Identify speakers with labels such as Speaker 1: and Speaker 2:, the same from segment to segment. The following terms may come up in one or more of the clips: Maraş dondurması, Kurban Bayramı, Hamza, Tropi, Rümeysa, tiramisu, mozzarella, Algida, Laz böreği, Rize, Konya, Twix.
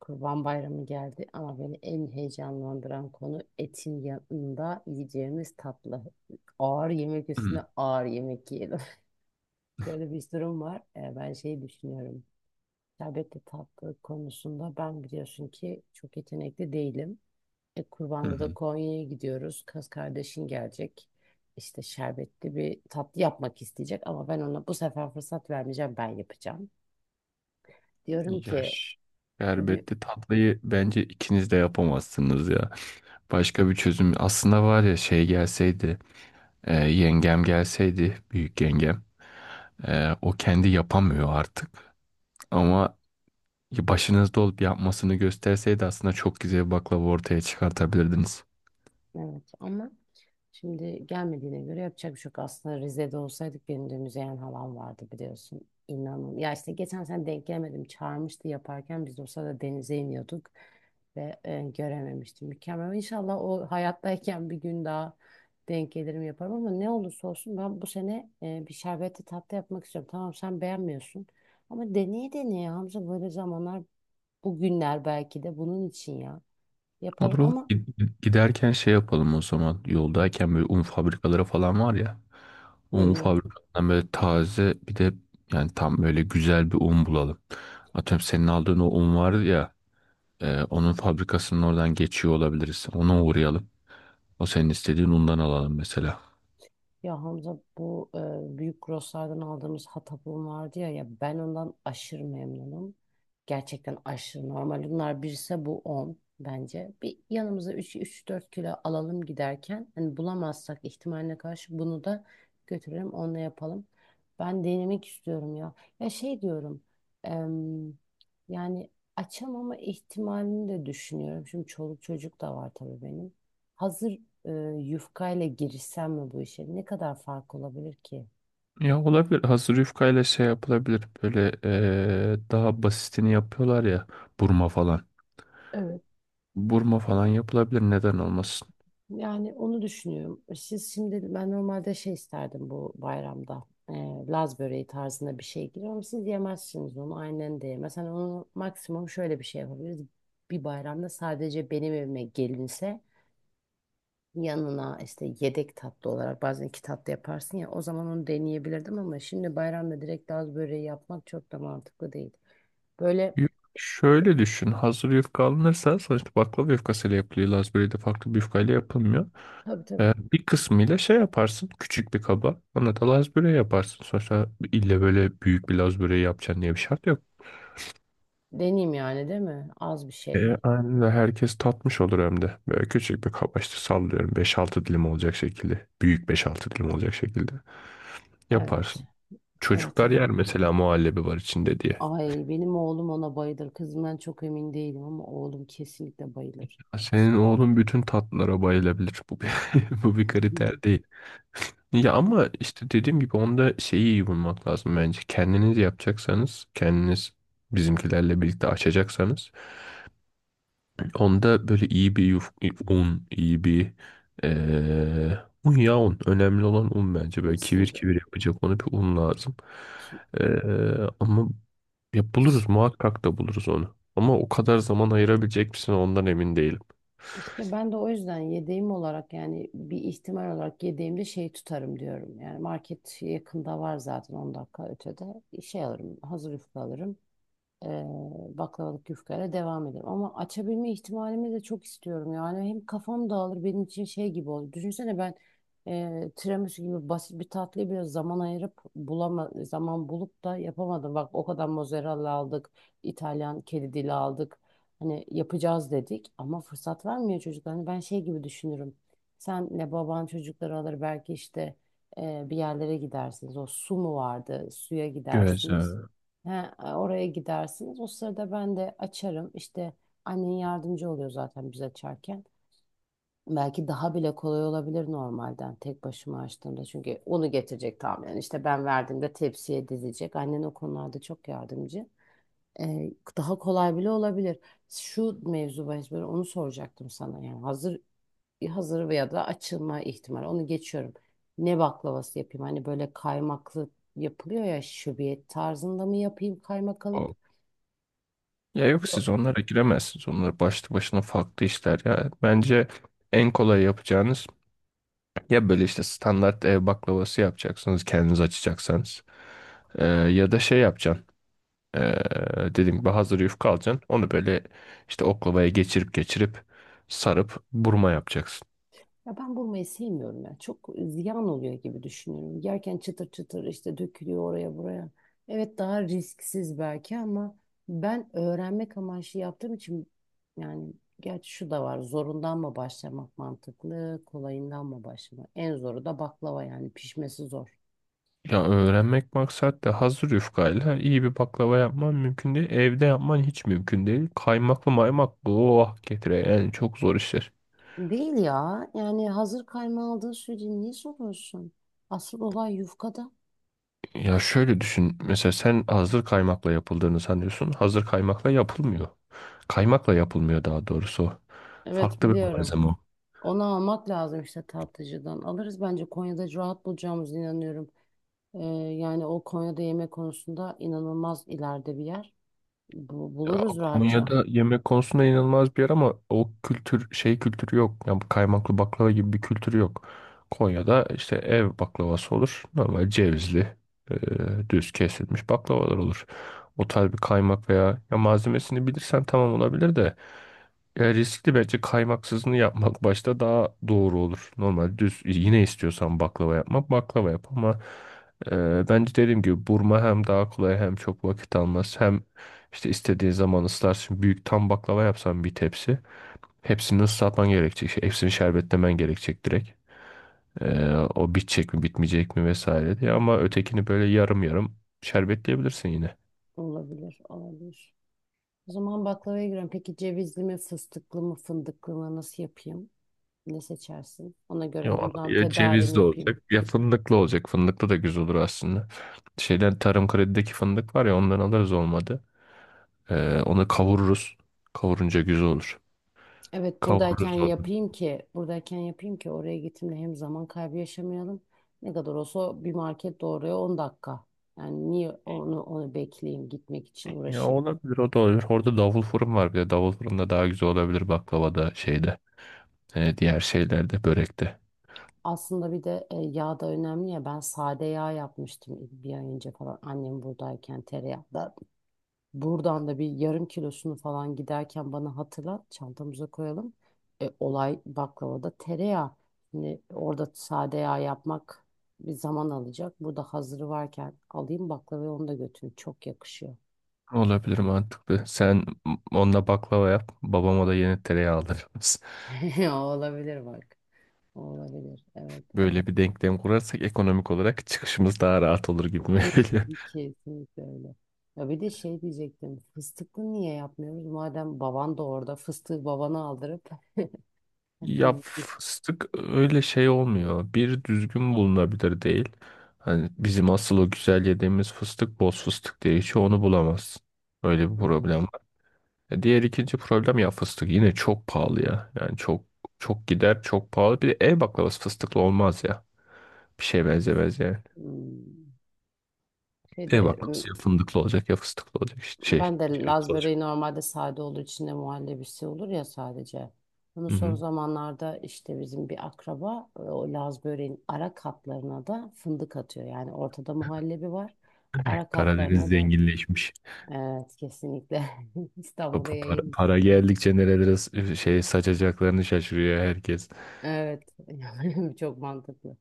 Speaker 1: Kurban Bayramı geldi ama beni en heyecanlandıran konu etin yanında yiyeceğimiz tatlı. Ağır yemek
Speaker 2: Hı
Speaker 1: üstüne ağır yemek yiyelim. Şöyle bir durum var. Ben şey düşünüyorum. Şerbetli tatlı konusunda ben biliyorsun ki çok yetenekli değilim. E,
Speaker 2: hı
Speaker 1: kurbanda da
Speaker 2: hı.
Speaker 1: Konya'ya gidiyoruz. Kız kardeşin gelecek. İşte şerbetli bir tatlı yapmak isteyecek ama ben ona bu sefer fırsat vermeyeceğim. Ben yapacağım. Diyorum ki,
Speaker 2: Yaş.
Speaker 1: di-
Speaker 2: Şerbetli tatlıyı bence ikiniz de yapamazsınız ya. Başka bir çözüm aslında var ya şey gelseydi yengem gelseydi büyük yengem o kendi yapamıyor artık ama başınızda olup yapmasını gösterseydi aslında çok güzel bir baklava ortaya çıkartabilirdiniz.
Speaker 1: evet, ama şimdi gelmediğine göre yapacak bir şey yok. Aslında Rize'de olsaydık benim de müzeyen halam vardı biliyorsun. İnanın. Ya işte geçen sene denk gelemedim. Çağırmıştı yaparken biz de o sırada denize iniyorduk. Ve görememiştim. Mükemmel. İnşallah o hayattayken bir gün daha denk gelirim yaparım. Ama ne olursa olsun ben bu sene bir şerbetli tatlı yapmak istiyorum. Tamam, sen beğenmiyorsun. Ama deneye deneye Hamza, böyle zamanlar, bugünler belki de bunun için ya. Yapalım
Speaker 2: Olur olur.
Speaker 1: ama...
Speaker 2: Giderken şey yapalım o zaman. Yoldayken böyle un fabrikaları falan var ya.
Speaker 1: Hı
Speaker 2: Un
Speaker 1: hı.
Speaker 2: fabrikalarından böyle taze bir de yani tam böyle güzel bir un bulalım. Atıyorum senin aldığın o un var ya. Onun fabrikasının oradan geçiyor olabiliriz. Ona uğrayalım. O senin istediğin undan alalım mesela.
Speaker 1: Ya Hamza, bu büyük grosslardan aldığımız hatapım vardı ya, ya ben ondan aşırı memnunum. Gerçekten aşırı normal. Bunlar birse bu 10 bence. Bir yanımıza 3-4 kilo alalım giderken. Hani bulamazsak ihtimaline karşı bunu da götürelim, onunla yapalım. Ben denemek istiyorum ya. Ya şey diyorum, em, yani açamama ihtimalini de düşünüyorum. Şimdi çoluk çocuk da var tabii benim. Hazır, e, yufkayla girişsem mi bu işe? Ne kadar fark olabilir ki?
Speaker 2: Ya olabilir. Hazır yufkayla şey yapılabilir. Böyle daha basitini yapıyorlar ya. Burma falan.
Speaker 1: Evet.
Speaker 2: Burma falan yapılabilir. Neden olmasın?
Speaker 1: Yani onu düşünüyorum. Siz şimdi, ben normalde şey isterdim bu bayramda. Laz böreği tarzında bir şey girer ama siz yemezsiniz onu. Aynen de yemez. Hani onu maksimum şöyle bir şey yapabiliriz. Bir bayramda sadece benim evime gelinse, yanına işte yedek tatlı olarak bazen iki tatlı yaparsın ya, o zaman onu deneyebilirdim ama şimdi bayramda direkt Laz böreği yapmak çok da mantıklı değil. Böyle.
Speaker 2: Yuf- Şöyle düşün. Hazır yufka alınırsa sonuçta baklava yufkasıyla yapılıyor. Lazburi de farklı bir yufkayla yapılmıyor.
Speaker 1: Tabii tabii.
Speaker 2: Bir kısmıyla şey yaparsın. Küçük bir kaba. Ona da lazburi yaparsın. Sonuçta ille böyle büyük bir lazburi yapacaksın diye bir şart yok.
Speaker 1: Deneyim yani, değil mi? Az bir şey.
Speaker 2: Aynen öyle. Herkes tatmış olur hem de. Böyle küçük bir kaba işte sallıyorum. Beş-altı dilim olacak şekilde. Büyük beş-altı dilim olacak şekilde
Speaker 1: Evet.
Speaker 2: yaparsın.
Speaker 1: Evet.
Speaker 2: Çocuklar
Speaker 1: Evet.
Speaker 2: yer mesela muhallebi var içinde diye.
Speaker 1: Ay, benim oğlum ona bayılır. Kızımdan çok emin değilim ama oğlum kesinlikle bayılır.
Speaker 2: Senin oğlun bütün tatlılara bayılabilir. Bu bir, bu bir kriter. Ya ama işte dediğim gibi onda şeyi iyi bulmak lazım bence. Kendiniz yapacaksanız, kendiniz bizimkilerle birlikte açacaksanız onda böyle iyi bir un, iyi bir eee un ya un. Önemli olan un bence. Böyle kivir
Speaker 1: Kesinlikle.
Speaker 2: kivir yapacak onu bir un lazım.
Speaker 1: Ki-
Speaker 2: Ama ya buluruz muhakkak da buluruz onu. Ama o kadar zaman ayırabilecek misin ondan emin değilim.
Speaker 1: İşte ben de o yüzden yedeğim olarak, yani bir ihtimal olarak yedeğimde şey tutarım diyorum. Yani market yakında var zaten, 10 dakika ötede. Şey alırım, hazır yufka alırım. e, Baklavalık yufkayla devam ederim. Ama açabilme ihtimalimi de çok istiyorum. Yani hem kafam dağılır, benim için şey gibi olur. Düşünsene, ben tiramisu gibi basit bir tatlıyı biraz zaman ayırıp zaman bulup da yapamadım. Bak, o kadar mozzarella aldık, İtalyan kedi dili aldık. Hani yapacağız dedik ama fırsat vermiyor çocuklar. Hani ben şey gibi düşünürüm. Senle baban çocukları alır belki işte, bir yerlere gidersiniz. O su mu vardı? Suya gidersiniz.
Speaker 2: Güzel.
Speaker 1: He, oraya gidersiniz. O sırada ben de açarım. İşte annen yardımcı oluyor zaten biz açarken. Belki daha bile kolay olabilir normalden, tek başıma açtığımda. Çünkü onu getirecek tahminen. İşte ben verdiğimde tepsiye dizecek. Annen o konularda çok yardımcı. Ee, Daha kolay bile olabilir. Şu mevzu bahis, böyle onu soracaktım sana. Yani hazır veya da açılma ihtimali. Onu geçiyorum. Ne baklavası yapayım? Hani böyle kaymaklı yapılıyor ya, şöbiyet tarzında mı yapayım kaymak alıp?
Speaker 2: Ya yok siz onlara giremezsiniz. Onlar başlı başına farklı işler ya. Bence en kolay yapacağınız ya böyle işte standart ev baklavası yapacaksınız kendiniz açacaksanız. Ya da şey yapacaksın. Ee, Dediğim gibi hazır yufka alacaksın. Onu böyle işte oklavaya geçirip geçirip sarıp burma yapacaksın.
Speaker 1: Ya ben bulmayı sevmiyorum ya. Çok ziyan oluyor gibi düşünüyorum. Yerken çıtır çıtır işte dökülüyor oraya buraya. Evet, daha risksiz belki ama ben öğrenmek amaçlı yaptığım için, yani gerçi şu da var. Zorundan mı başlamak mantıklı, kolayından mı başlamak? En zoru da baklava, yani pişmesi zor.
Speaker 2: Ya öğrenmek maksat da hazır yufkayla iyi bir baklava yapman mümkün değil. Evde yapman hiç mümkün değil. Kaymaklı maymaklı oh getire yani çok zor işler.
Speaker 1: Değil ya. Yani hazır kaymağı aldığın sürece niye soruyorsun? Asıl olay yufkada.
Speaker 2: Ya şöyle düşün. Mesela sen hazır kaymakla yapıldığını sanıyorsun. Hazır kaymakla yapılmıyor. Kaymakla yapılmıyor daha doğrusu.
Speaker 1: Evet,
Speaker 2: Farklı bir
Speaker 1: biliyorum.
Speaker 2: malzeme o.
Speaker 1: Onu almak lazım işte tatlıcıdan. Alırız, bence Konya'da rahat bulacağımızı inanıyorum. Ee, Yani o, Konya'da yemek konusunda inanılmaz ileride bir yer.
Speaker 2: Ya
Speaker 1: Buluruz rahatça.
Speaker 2: Konya'da yemek konusunda inanılmaz bir yer ama o kültür şey kültürü yok. Yani bu kaymaklı baklava gibi bir kültürü yok. Konya'da işte ev baklavası olur. Normal cevizli, e, düz kesilmiş baklavalar olur. O tarz bir kaymak veya ya malzemesini bilirsen tamam olabilir de ya riskli bence kaymaksızını yapmak başta daha doğru olur. Normal düz yine istiyorsan baklava yapmak baklava yap ama bence dediğim gibi burma hem daha kolay hem çok vakit almaz hem işte istediğin zaman ıslarsın. Büyük tam baklava yapsan bir tepsi. Hepsini ıslatman gerekecek. Hepsini şerbetlemen gerekecek direkt. Ee, O bitecek mi bitmeyecek mi vesaire diye. Ama ötekini böyle yarım yarım şerbetleyebilirsin yine.
Speaker 1: Olabilir, olabilir. O zaman baklavaya girelim. Peki cevizli mi, fıstıklı mı, fındıklı mı, nasıl yapayım? Ne seçersin? Ona göre
Speaker 2: Ya,
Speaker 1: buradan
Speaker 2: ya
Speaker 1: tedarim
Speaker 2: cevizli
Speaker 1: yapayım.
Speaker 2: olacak ya fındıklı olacak. Fındıklı da güzel olur aslında. Şeyden tarım kredideki fındık var ya ondan alırız olmadı. Onu kavururuz. Kavurunca güzel olur.
Speaker 1: Evet, buradayken
Speaker 2: Kavururuz onu.
Speaker 1: yapayım ki buradayken yapayım ki oraya gittiğimde hem zaman kaybı yaşamayalım. Ne kadar olsa bir market doğruya 10 dakika. Yani niye onu bekleyeyim, gitmek için
Speaker 2: Ya
Speaker 1: uğraşayım.
Speaker 2: olabilir o da olabilir. Orada davul fırın var bir de. Davul fırında daha güzel olabilir baklavada şeyde. Diğer şeylerde, börekte.
Speaker 1: Aslında bir de yağ da önemli ya. Ben sade yağ yapmıştım bir ay önce falan, annem buradayken tereyağı. Buradan da bir yarım kilosunu falan, giderken bana hatırlat, çantamıza koyalım. Olay baklavada tereyağı. Şimdi orada sade yağ yapmak bir zaman alacak. Burada hazırı varken alayım baklavayı, onu da götürün. Çok yakışıyor.
Speaker 2: Olabilir mantıklı. Sen onunla baklava yap, babama da yeni tereyağı alırız.
Speaker 1: Olabilir bak. Olabilir. Evet.
Speaker 2: Böyle bir denklem kurarsak ekonomik olarak çıkışımız daha rahat olur gibi mi geliyor?
Speaker 1: Kesinlikle öyle. Ya bir de şey diyecektim. Fıstıklı niye yapmıyoruz? Madem baban da orada, fıstığı babana aldırıp...
Speaker 2: Ya fıstık öyle şey olmuyor. Bir düzgün bulunabilir değil. Hani bizim asıl o güzel yediğimiz fıstık boz fıstık diye hiç onu bulamazsın. Öyle bir problem var. Diğer ikinci problem ya fıstık yine çok pahalı ya. Yani çok çok gider çok pahalı. Bir de ev baklavası fıstıklı olmaz ya. Bir şeye benzemez yani.
Speaker 1: Hmm. Şeyde.
Speaker 2: Bak ya fındıklı olacak ya fıstıklı olacak işte şey
Speaker 1: Ben de. Laz
Speaker 2: cevizli olacak.
Speaker 1: böreği normalde sade olur. içinde muhallebisi olur ya, sadece. Bunu
Speaker 2: Hı
Speaker 1: son
Speaker 2: hı.
Speaker 1: zamanlarda işte bizim bir akraba, o Laz böreğin ara katlarına da fındık atıyor. Yani ortada muhallebi var. Ara
Speaker 2: Karadeniz
Speaker 1: katlarına da,
Speaker 2: zenginleşmiş.
Speaker 1: evet, kesinlikle. İstanbul'a
Speaker 2: Para,
Speaker 1: yayın.
Speaker 2: para geldikçe nerelere saçacaklarını şaşırıyor herkes.
Speaker 1: Evet, çok mantıklı.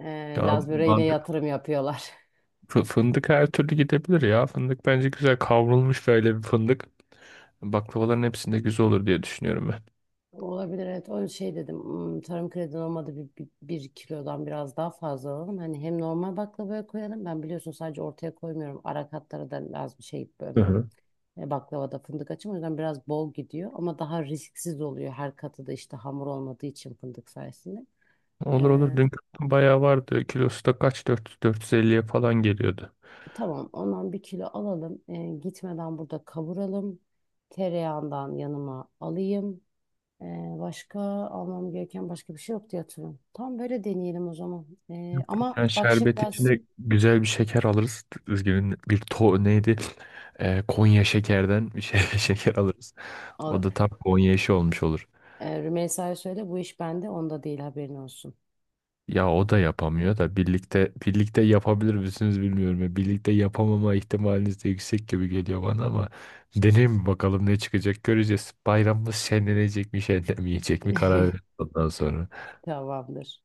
Speaker 2: Ya
Speaker 1: Laz böreğine yatırım yapıyorlar.
Speaker 2: fındık her türlü gidebilir ya. Fındık bence güzel kavrulmuş böyle bir fındık. Baklavaların hepsinde güzel olur diye düşünüyorum ben.
Speaker 1: Olabilir, evet, o şey dedim, "Hmm, tarım kredi olmadı, bir kilodan biraz daha fazla alalım. Hani hem normal baklavaya koyalım, ben biliyorsun sadece ortaya koymuyorum, ara katlara da lazım şey,
Speaker 2: Hı hı.
Speaker 1: baklavada fındık açım o yüzden biraz bol gidiyor ama daha risksiz oluyor, her katı da işte hamur olmadığı için fındık sayesinde.
Speaker 2: Olur olur
Speaker 1: Ee,
Speaker 2: dün bayağı vardı. Kilosu da kaç 400 450'ye falan geliyordu.
Speaker 1: tamam, ondan 1 kilo alalım. Gitmeden burada kavuralım, tereyağından yanıma alayım. Ee, Başka almam gereken başka bir şey yok diye hatırlıyorum. Tam böyle deneyelim o zaman. Ama
Speaker 2: Yani
Speaker 1: bak, şimdi
Speaker 2: şerbet
Speaker 1: ders
Speaker 2: içinde güzel bir şeker alırız. Üzgünüm bir to neydi? Konya şekerden bir şey, şeker alırız. O
Speaker 1: alır.
Speaker 2: da tam Konya işi olmuş olur.
Speaker 1: Rümeysa'ya söyle, bu iş bende, onda değil, haberin olsun.
Speaker 2: Ya o da yapamıyor da birlikte birlikte yapabilir misiniz bilmiyorum. Ya. Birlikte yapamama ihtimaliniz de yüksek gibi geliyor bana ama deneyim mi bakalım ne çıkacak göreceğiz. Bayramımız şenlenecek mi şenlenmeyecek mi karar veririz ondan sonra.
Speaker 1: Tamamdır.